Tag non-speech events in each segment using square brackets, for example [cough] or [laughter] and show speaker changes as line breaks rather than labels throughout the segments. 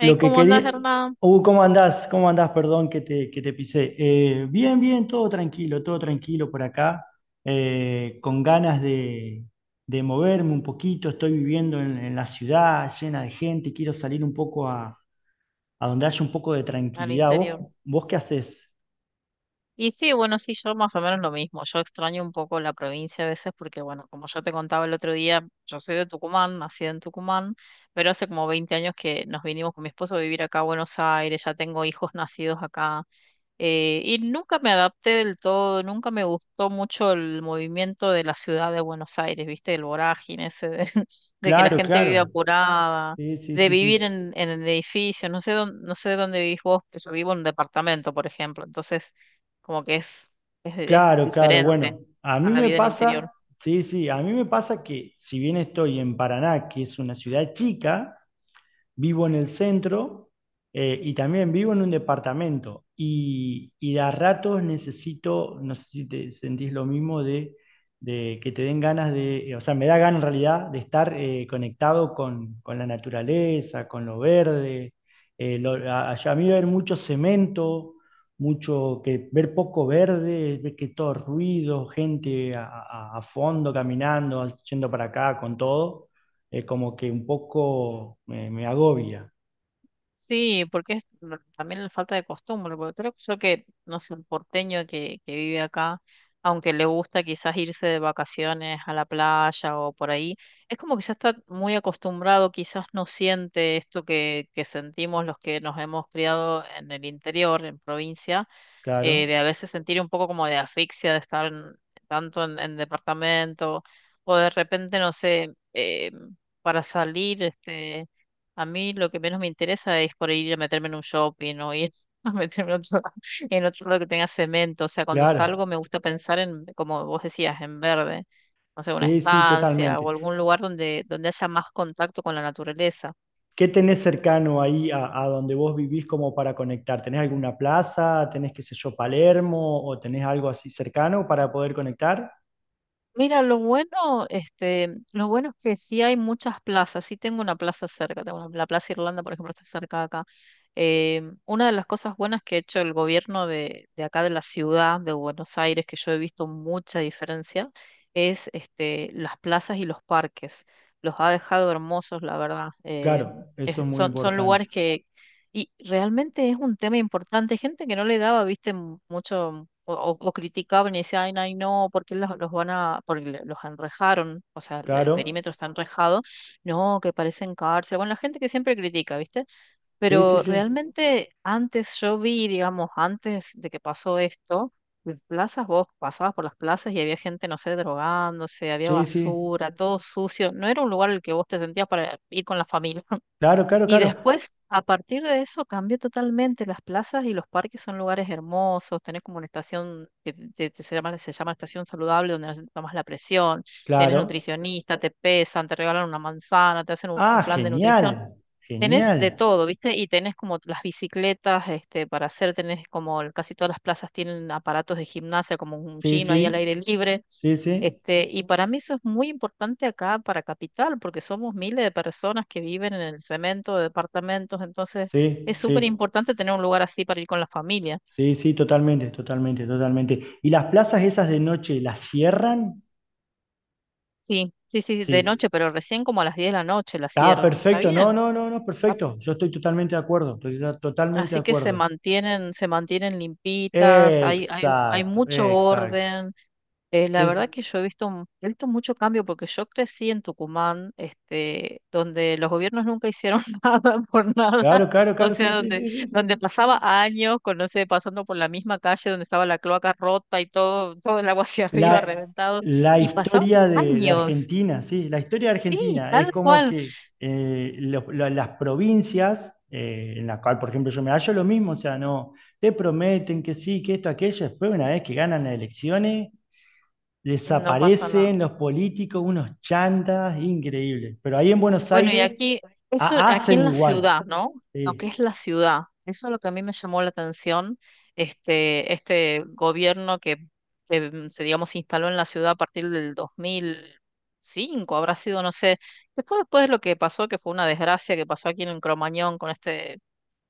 Lo que
¿cómo andas,
quería.
Hernán?
¿Cómo andás? ¿Cómo andás? Perdón que te pisé. Bien, todo tranquilo por acá. Con ganas de moverme un poquito. Estoy viviendo en la ciudad llena de gente. Quiero salir un poco a donde haya un poco de
Al
tranquilidad.
interior.
¿Vos qué haces?
Y sí, bueno, sí, yo más o menos lo mismo. Yo extraño un poco la provincia a veces porque, bueno, como yo te contaba el otro día, yo soy de Tucumán, nacida en Tucumán, pero hace como 20 años que nos vinimos con mi esposo a vivir acá a Buenos Aires, ya tengo hijos nacidos acá. Y nunca me adapté del todo, nunca me gustó mucho el movimiento de la ciudad de Buenos Aires, ¿viste? El vorágine ese de, [laughs] de que la
Claro,
gente vive
claro.
apurada,
Sí, sí,
de
sí,
vivir
sí.
en, el edificio, no sé dónde, no sé dónde vivís vos, pero yo vivo en un departamento, por ejemplo, entonces como que es, es
Claro, claro.
diferente
Bueno, a
a
mí
la
me
vida en el interior.
pasa, sí, sí, a mí me pasa que si bien estoy en Paraná, que es una ciudad chica, vivo en el centro y también vivo en un departamento y de a ratos necesito, no sé si te sentís lo mismo, de que te den ganas de, o sea, me da ganas en realidad de estar conectado con la naturaleza, con lo verde. A mí ver mucho cemento, mucho que ver poco verde, ver que todo ruido, a fondo caminando, yendo para acá con todo como que un poco me agobia,
Sí, porque es no, también la falta de costumbre, porque creo yo que, no sé, un porteño que vive acá, aunque le gusta quizás irse de vacaciones a la playa o por ahí, es como que ya está muy acostumbrado, quizás no siente esto que, sentimos los que nos hemos criado en el interior, en provincia. eh,
claro,
de a veces sentir un poco como de asfixia de estar tanto en departamento, o de repente, no sé, para salir, a mí lo que menos me interesa es por ahí ir a meterme en un shopping o ir [laughs] a meterme en otro, [laughs] en otro lado que tenga cemento. O sea, cuando salgo
claro,
me gusta pensar en, como vos decías, en verde. No sé, una
sí, sí,
estancia
totalmente.
o algún lugar donde, haya más contacto con la naturaleza.
¿Qué tenés cercano ahí a donde vos vivís como para conectar? ¿Tenés alguna plaza? ¿Tenés, qué sé yo, Palermo? ¿O tenés algo así cercano para poder conectar?
Mira, lo bueno es que sí hay muchas plazas. Sí tengo una plaza cerca, tengo la Plaza Irlanda, por ejemplo, está cerca de acá. Una de las cosas buenas que ha hecho el gobierno de acá de la ciudad de Buenos Aires, que yo he visto mucha diferencia, es las plazas y los parques. Los ha dejado hermosos, la verdad. Em,
Claro, eso es
es-
muy
son, son
importante.
lugares que, y realmente es un tema importante. Gente que no le daba, viste, mucho o, o criticaban y decían, ay, no, ¿por qué los van a, porque los enrejaron? O sea, el
Claro,
perímetro está enrejado. No, que parecen cárcel. Bueno, la gente que siempre critica, viste.
sí, sí,
Pero
sí,
realmente antes yo vi, digamos, antes de que pasó esto, en plazas, vos pasabas por las plazas y había gente, no sé, drogándose, había
sí, sí,
basura, todo sucio. No era un lugar en el que vos te sentías para ir con la familia.
claro, claro,
Y
claro,
después, a partir de eso, cambia totalmente. Las plazas y los parques son lugares hermosos. Tenés como una estación que se llama estación saludable, donde tomas la presión, tenés
claro.
nutricionista, te pesan, te regalan una manzana, te hacen un,
Ah,
un plan de
genial,
nutrición. Tenés de
genial,
todo, ¿viste? Y tenés como las bicicletas, para hacer, tenés como casi todas las plazas tienen aparatos de gimnasia, como un
sí,
gym ahí al aire
sí,
libre.
sí, sí,
Y para mí eso es muy importante acá para Capital, porque somos miles de personas que viven en el cemento de departamentos, entonces
sí,
es súper
sí.
importante tener un lugar así para ir con la familia.
Sí, sí, totalmente, totalmente, totalmente. ¿Y las plazas esas de noche las cierran?
Sí, sí, sí, de
Sí.
noche, pero recién como a las 10 de la noche la
Ah,
cierran y está
perfecto. No,
bien.
no, no, no,
¿Tá?
perfecto. Yo estoy totalmente de acuerdo. Totalmente de
Así que se
acuerdo.
mantienen, se mantienen limpitas, hay
Exacto,
mucho
exacto.
orden. La
Es,
verdad que yo he visto, he visto mucho cambio porque yo crecí en Tucumán, donde los gobiernos nunca hicieron [laughs] nada por nada.
claro, claro,
O
claro, sí,
sea,
sí,
donde,
sí, sí.
donde pasaba años, con, no sé, pasando por la misma calle donde estaba la cloaca rota y todo, todo el agua [laughs] hacia arriba
La,
reventado.
la
Y pasaban
historia de
años.
Argentina, sí, la historia de
Sí,
Argentina es
tal
como
cual.
que las provincias, en la cual, por ejemplo, yo me hallo lo mismo, o sea, no, te prometen que sí, que esto, aquello, después una vez que ganan las elecciones,
No pasa
desaparecen
nada.
los políticos, unos chantas, increíble. Pero ahí en Buenos
Bueno, y
Aires
aquí, eso, aquí
hacen
en la
igual,
ciudad, ¿no? Lo que
sí,
es la ciudad, eso es lo que a mí me llamó la atención, este, gobierno que, se, digamos, se instaló en la ciudad a partir del 2005 habrá sido, no sé, después de lo que pasó, que fue una desgracia que pasó aquí en Cromañón con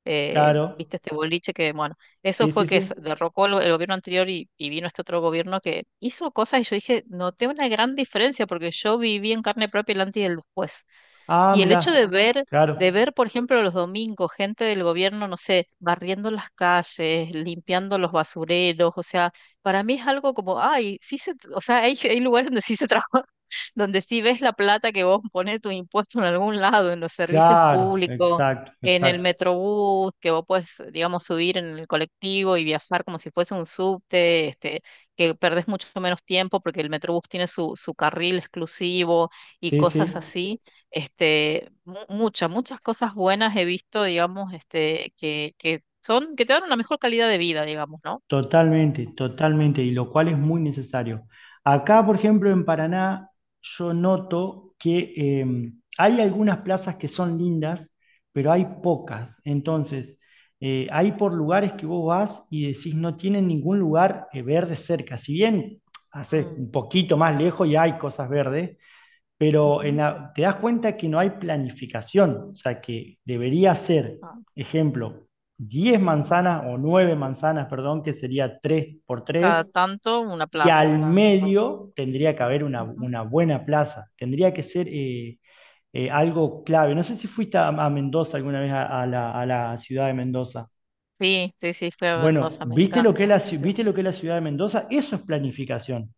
eh,
claro,
viste, este boliche que, bueno, eso
sí, sí,
fue que se
sí.
derrocó el, gobierno anterior y vino este otro gobierno que hizo cosas y yo dije, noté una gran diferencia porque yo viví en carne propia el antes y el después
Ah,
y el hecho
mirá,
de ver, de
claro,
ver, por ejemplo, los domingos, gente del gobierno, no sé, barriendo las calles, limpiando los basureros, o sea, para mí es algo como, ay, sí se, o sea, hay, [laughs] hay lugares donde sí se trabaja, [laughs] donde sí ves la plata que vos pones tu impuesto en algún lado, en los servicios
claro,
públicos,
exacto,
en el
exacto,
metrobús, que vos puedes, digamos, subir en el colectivo y viajar como si fuese un subte, que perdés mucho menos tiempo porque el metrobús tiene su, carril exclusivo y
sí,
cosas
sí.
así, muchas, muchas cosas buenas he visto, digamos, que son, que te dan una mejor calidad de vida, digamos, ¿no?
Totalmente, totalmente, y lo cual es muy necesario. Acá, por ejemplo, en Paraná, yo noto que hay algunas plazas que son lindas, pero hay pocas. Entonces, hay por lugares que vos vas y decís no tienen ningún lugar verde cerca. Si bien hace
Mm,
un poquito más
claro.
lejos y hay cosas verdes, pero en
Ujú,
la- te das cuenta que no hay planificación, o sea que debería ser,
claro.
ejemplo, 10 manzanas o 9 manzanas, perdón, que sería 3 por
Cada
3
tanto una
y
plaza,
al
claro. Bueno,
medio tendría que haber una,
ujú.
una buena plaza, tendría que ser algo clave. No sé si fuiste a Mendoza alguna vez a la ciudad de Mendoza.
Sí, sí, sí, fui a
Bueno,
Mendoza, me encanta, es
¿viste
precioso.
lo que es la ciudad de Mendoza? Eso es planificación,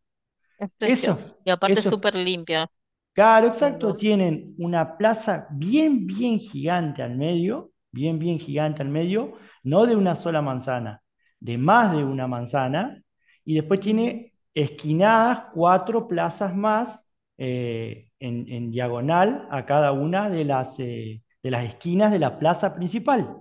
Es precioso.
eso,
Y aparte es
eso es
súper limpia
claro, exacto.
Mendoza.
Tienen una plaza bien, bien gigante al medio, bien, bien gigante al medio, no de una sola manzana, de más de una manzana. Y después
Ujú,
tiene esquinadas cuatro plazas más en diagonal a cada una de las esquinas de la plaza principal.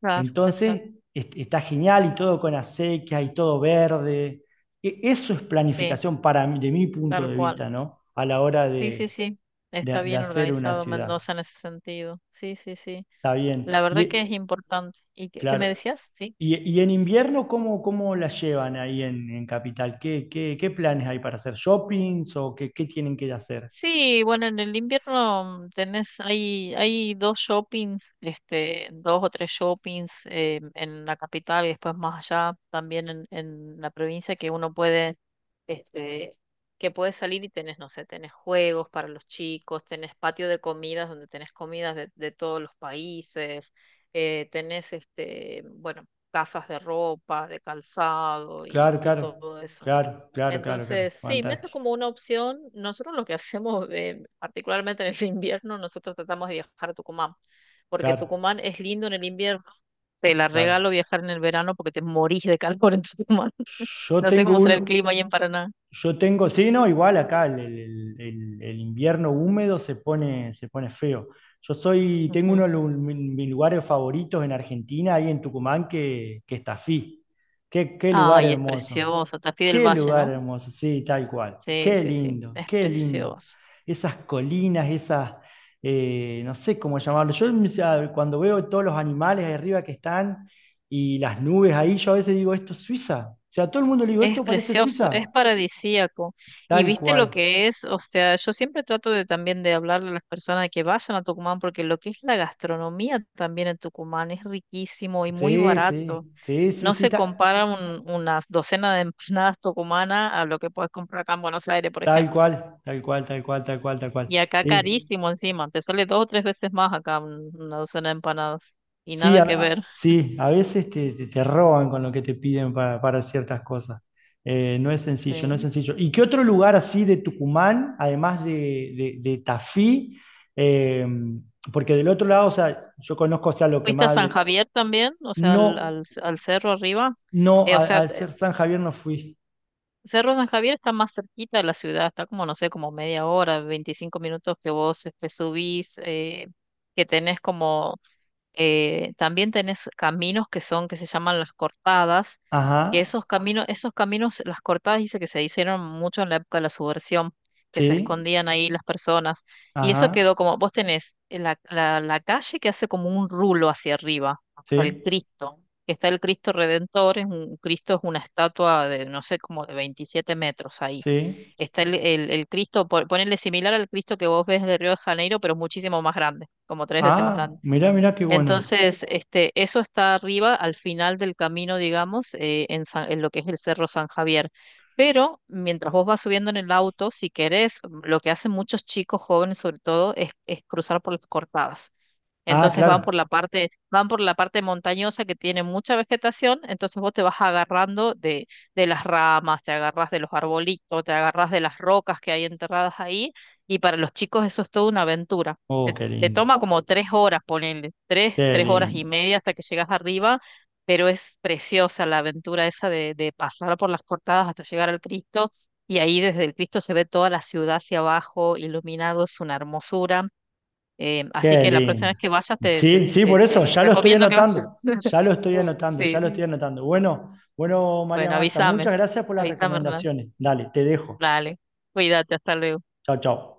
claro,
Entonces,
exacto.
está genial y todo con acequias, y todo verde. Eso es
Sí,
planificación para mí, de mi punto
tal
de
cual.
vista, ¿no? A la hora
Sí, sí,
de
sí. Está
de
bien
hacer una
organizado
ciudad.
Mendoza en ese sentido. Sí, sí, sí.
Está
La
bien. Y,
verdad que es importante. ¿Y qué, me
claro.
decías? Sí.
Y en invierno, ¿cómo, cómo la llevan ahí en Capital? ¿Qué, qué, qué planes hay para hacer? ¿Shoppings o qué, qué tienen que hacer?
Sí, bueno, en el invierno tenés, hay dos shoppings, dos o tres shoppings en la capital y después más allá, también en la provincia, que uno puede este, que puedes salir y tenés, no sé, tenés juegos para los chicos, tenés patio de comidas donde tenés comidas de, todos los países, tenés, bueno, casas de ropa, de calzado y,
Claro,
y
claro,
todo eso.
claro, claro, claro, claro.
Entonces, sí, eso es
Fantástico.
como una opción. Nosotros lo que [laughs] hacemos, particularmente en el invierno, nosotros tratamos de viajar a Tucumán, porque
Claro,
Tucumán es lindo en el invierno. Te la
claro.
regalo viajar en el verano porque te morís de calor en Tucumán. [laughs]
Yo
No sé
tengo
cómo será el
un,
clima ahí en Paraná.
yo tengo, sí, no, igual acá el invierno húmedo se pone feo. Tengo uno de
Ujú.
mis lugares favoritos en Argentina, ahí en Tucumán, que es Tafí. Qué, qué lugar
Ay, es
hermoso.
precioso, Tafí del
Qué
Valle,
lugar
¿no?
hermoso, sí, tal cual.
Sí,
Qué
sí, sí,
lindo,
es
qué lindo.
precioso.
Esas colinas, esas, no sé cómo llamarlo. Yo o sea, cuando veo todos los animales ahí arriba que están y las nubes ahí, yo a veces digo, esto es Suiza. O sea, a todo el mundo le digo,
Es
esto parece
precioso, es
Suiza.
paradisíaco. Y
Tal
viste lo
cual.
que es, o sea, yo siempre trato de también de hablarle a las personas de que vayan a Tucumán, porque lo que es la gastronomía también en Tucumán es riquísimo y muy
Sí,
barato.
sí, sí, sí,
No
sí,
se compara unas docenas de empanadas tucumanas a lo que puedes comprar acá en Buenos Aires, por
tal
ejemplo.
cual, tal cual, tal cual, tal cual, tal cual.
Y acá
Sí,
carísimo encima, te sale dos o tres veces más acá una docena de empanadas. Y
sí,
nada que ver.
a- sí, a veces te, te, te roban con lo que te piden para ciertas cosas. No es sencillo, no es
Sí.
sencillo. ¿Y qué otro lugar así de Tucumán, además de Tafí? Eh, Porque del otro lado, o sea, yo conozco, o sea, lo que
¿Fuiste a
más...
San Javier también? O sea,
No,
al cerro arriba.
no,
O
al,
sea,
al ser San Javier no fui.
Cerro San Javier está más cerquita de la ciudad, está como, no sé, como media hora, 25 minutos que vos subís, que tenés como también tenés caminos que son, que se llaman las cortadas, que
Ajá,
esos caminos, las cortadas dice que se hicieron mucho en la época de la subversión, que se
sí,
escondían ahí las personas. Y eso quedó
ajá,
como, vos tenés la calle que hace como un rulo hacia arriba, hasta el
sí,
Cristo, que está el Cristo Redentor, es un Cristo es una estatua de, no sé, como de 27 metros ahí.
sí.
Está el Cristo, ponerle similar al Cristo que vos ves de Río de Janeiro, pero muchísimo más grande, como tres veces más
Ah,
grande.
mirá, mirá qué bueno.
Entonces, eso está arriba, al final del camino, digamos, en lo que es el Cerro San Javier. Pero mientras vos vas subiendo en el auto, si querés, lo que hacen muchos chicos jóvenes sobre todo es, cruzar por las cortadas.
Ah,
Entonces van por
claro.
la parte, van por la parte montañosa que tiene mucha vegetación, entonces vos te vas agarrando de las ramas, te agarras de los arbolitos, te agarras de las rocas que hay enterradas ahí, y para los chicos eso es toda una aventura.
Oh,
Te,
qué
te
lindo,
toma como 3 horas, ponele, tres,
qué
tres horas y
lindo,
media hasta que llegas arriba, pero es preciosa la aventura esa de pasar por las cortadas hasta llegar al Cristo, y ahí desde el Cristo se ve toda la ciudad hacia abajo, iluminado, es una hermosura. Así
qué
que la próxima vez
lindo.
que vayas te,
Sí,
te,
sí,
te-
por eso,
te
ya lo estoy
recomiendo que
anotando,
vayas.
ya lo estoy anotando, ya
Sí,
lo estoy
sí.
anotando. Bueno, bueno, María
Bueno,
Marta,
avísame.
muchas gracias por las
Avísame, Hernán.
recomendaciones. Dale, te dejo.
Dale. Cuídate, hasta luego.
Chao, chao.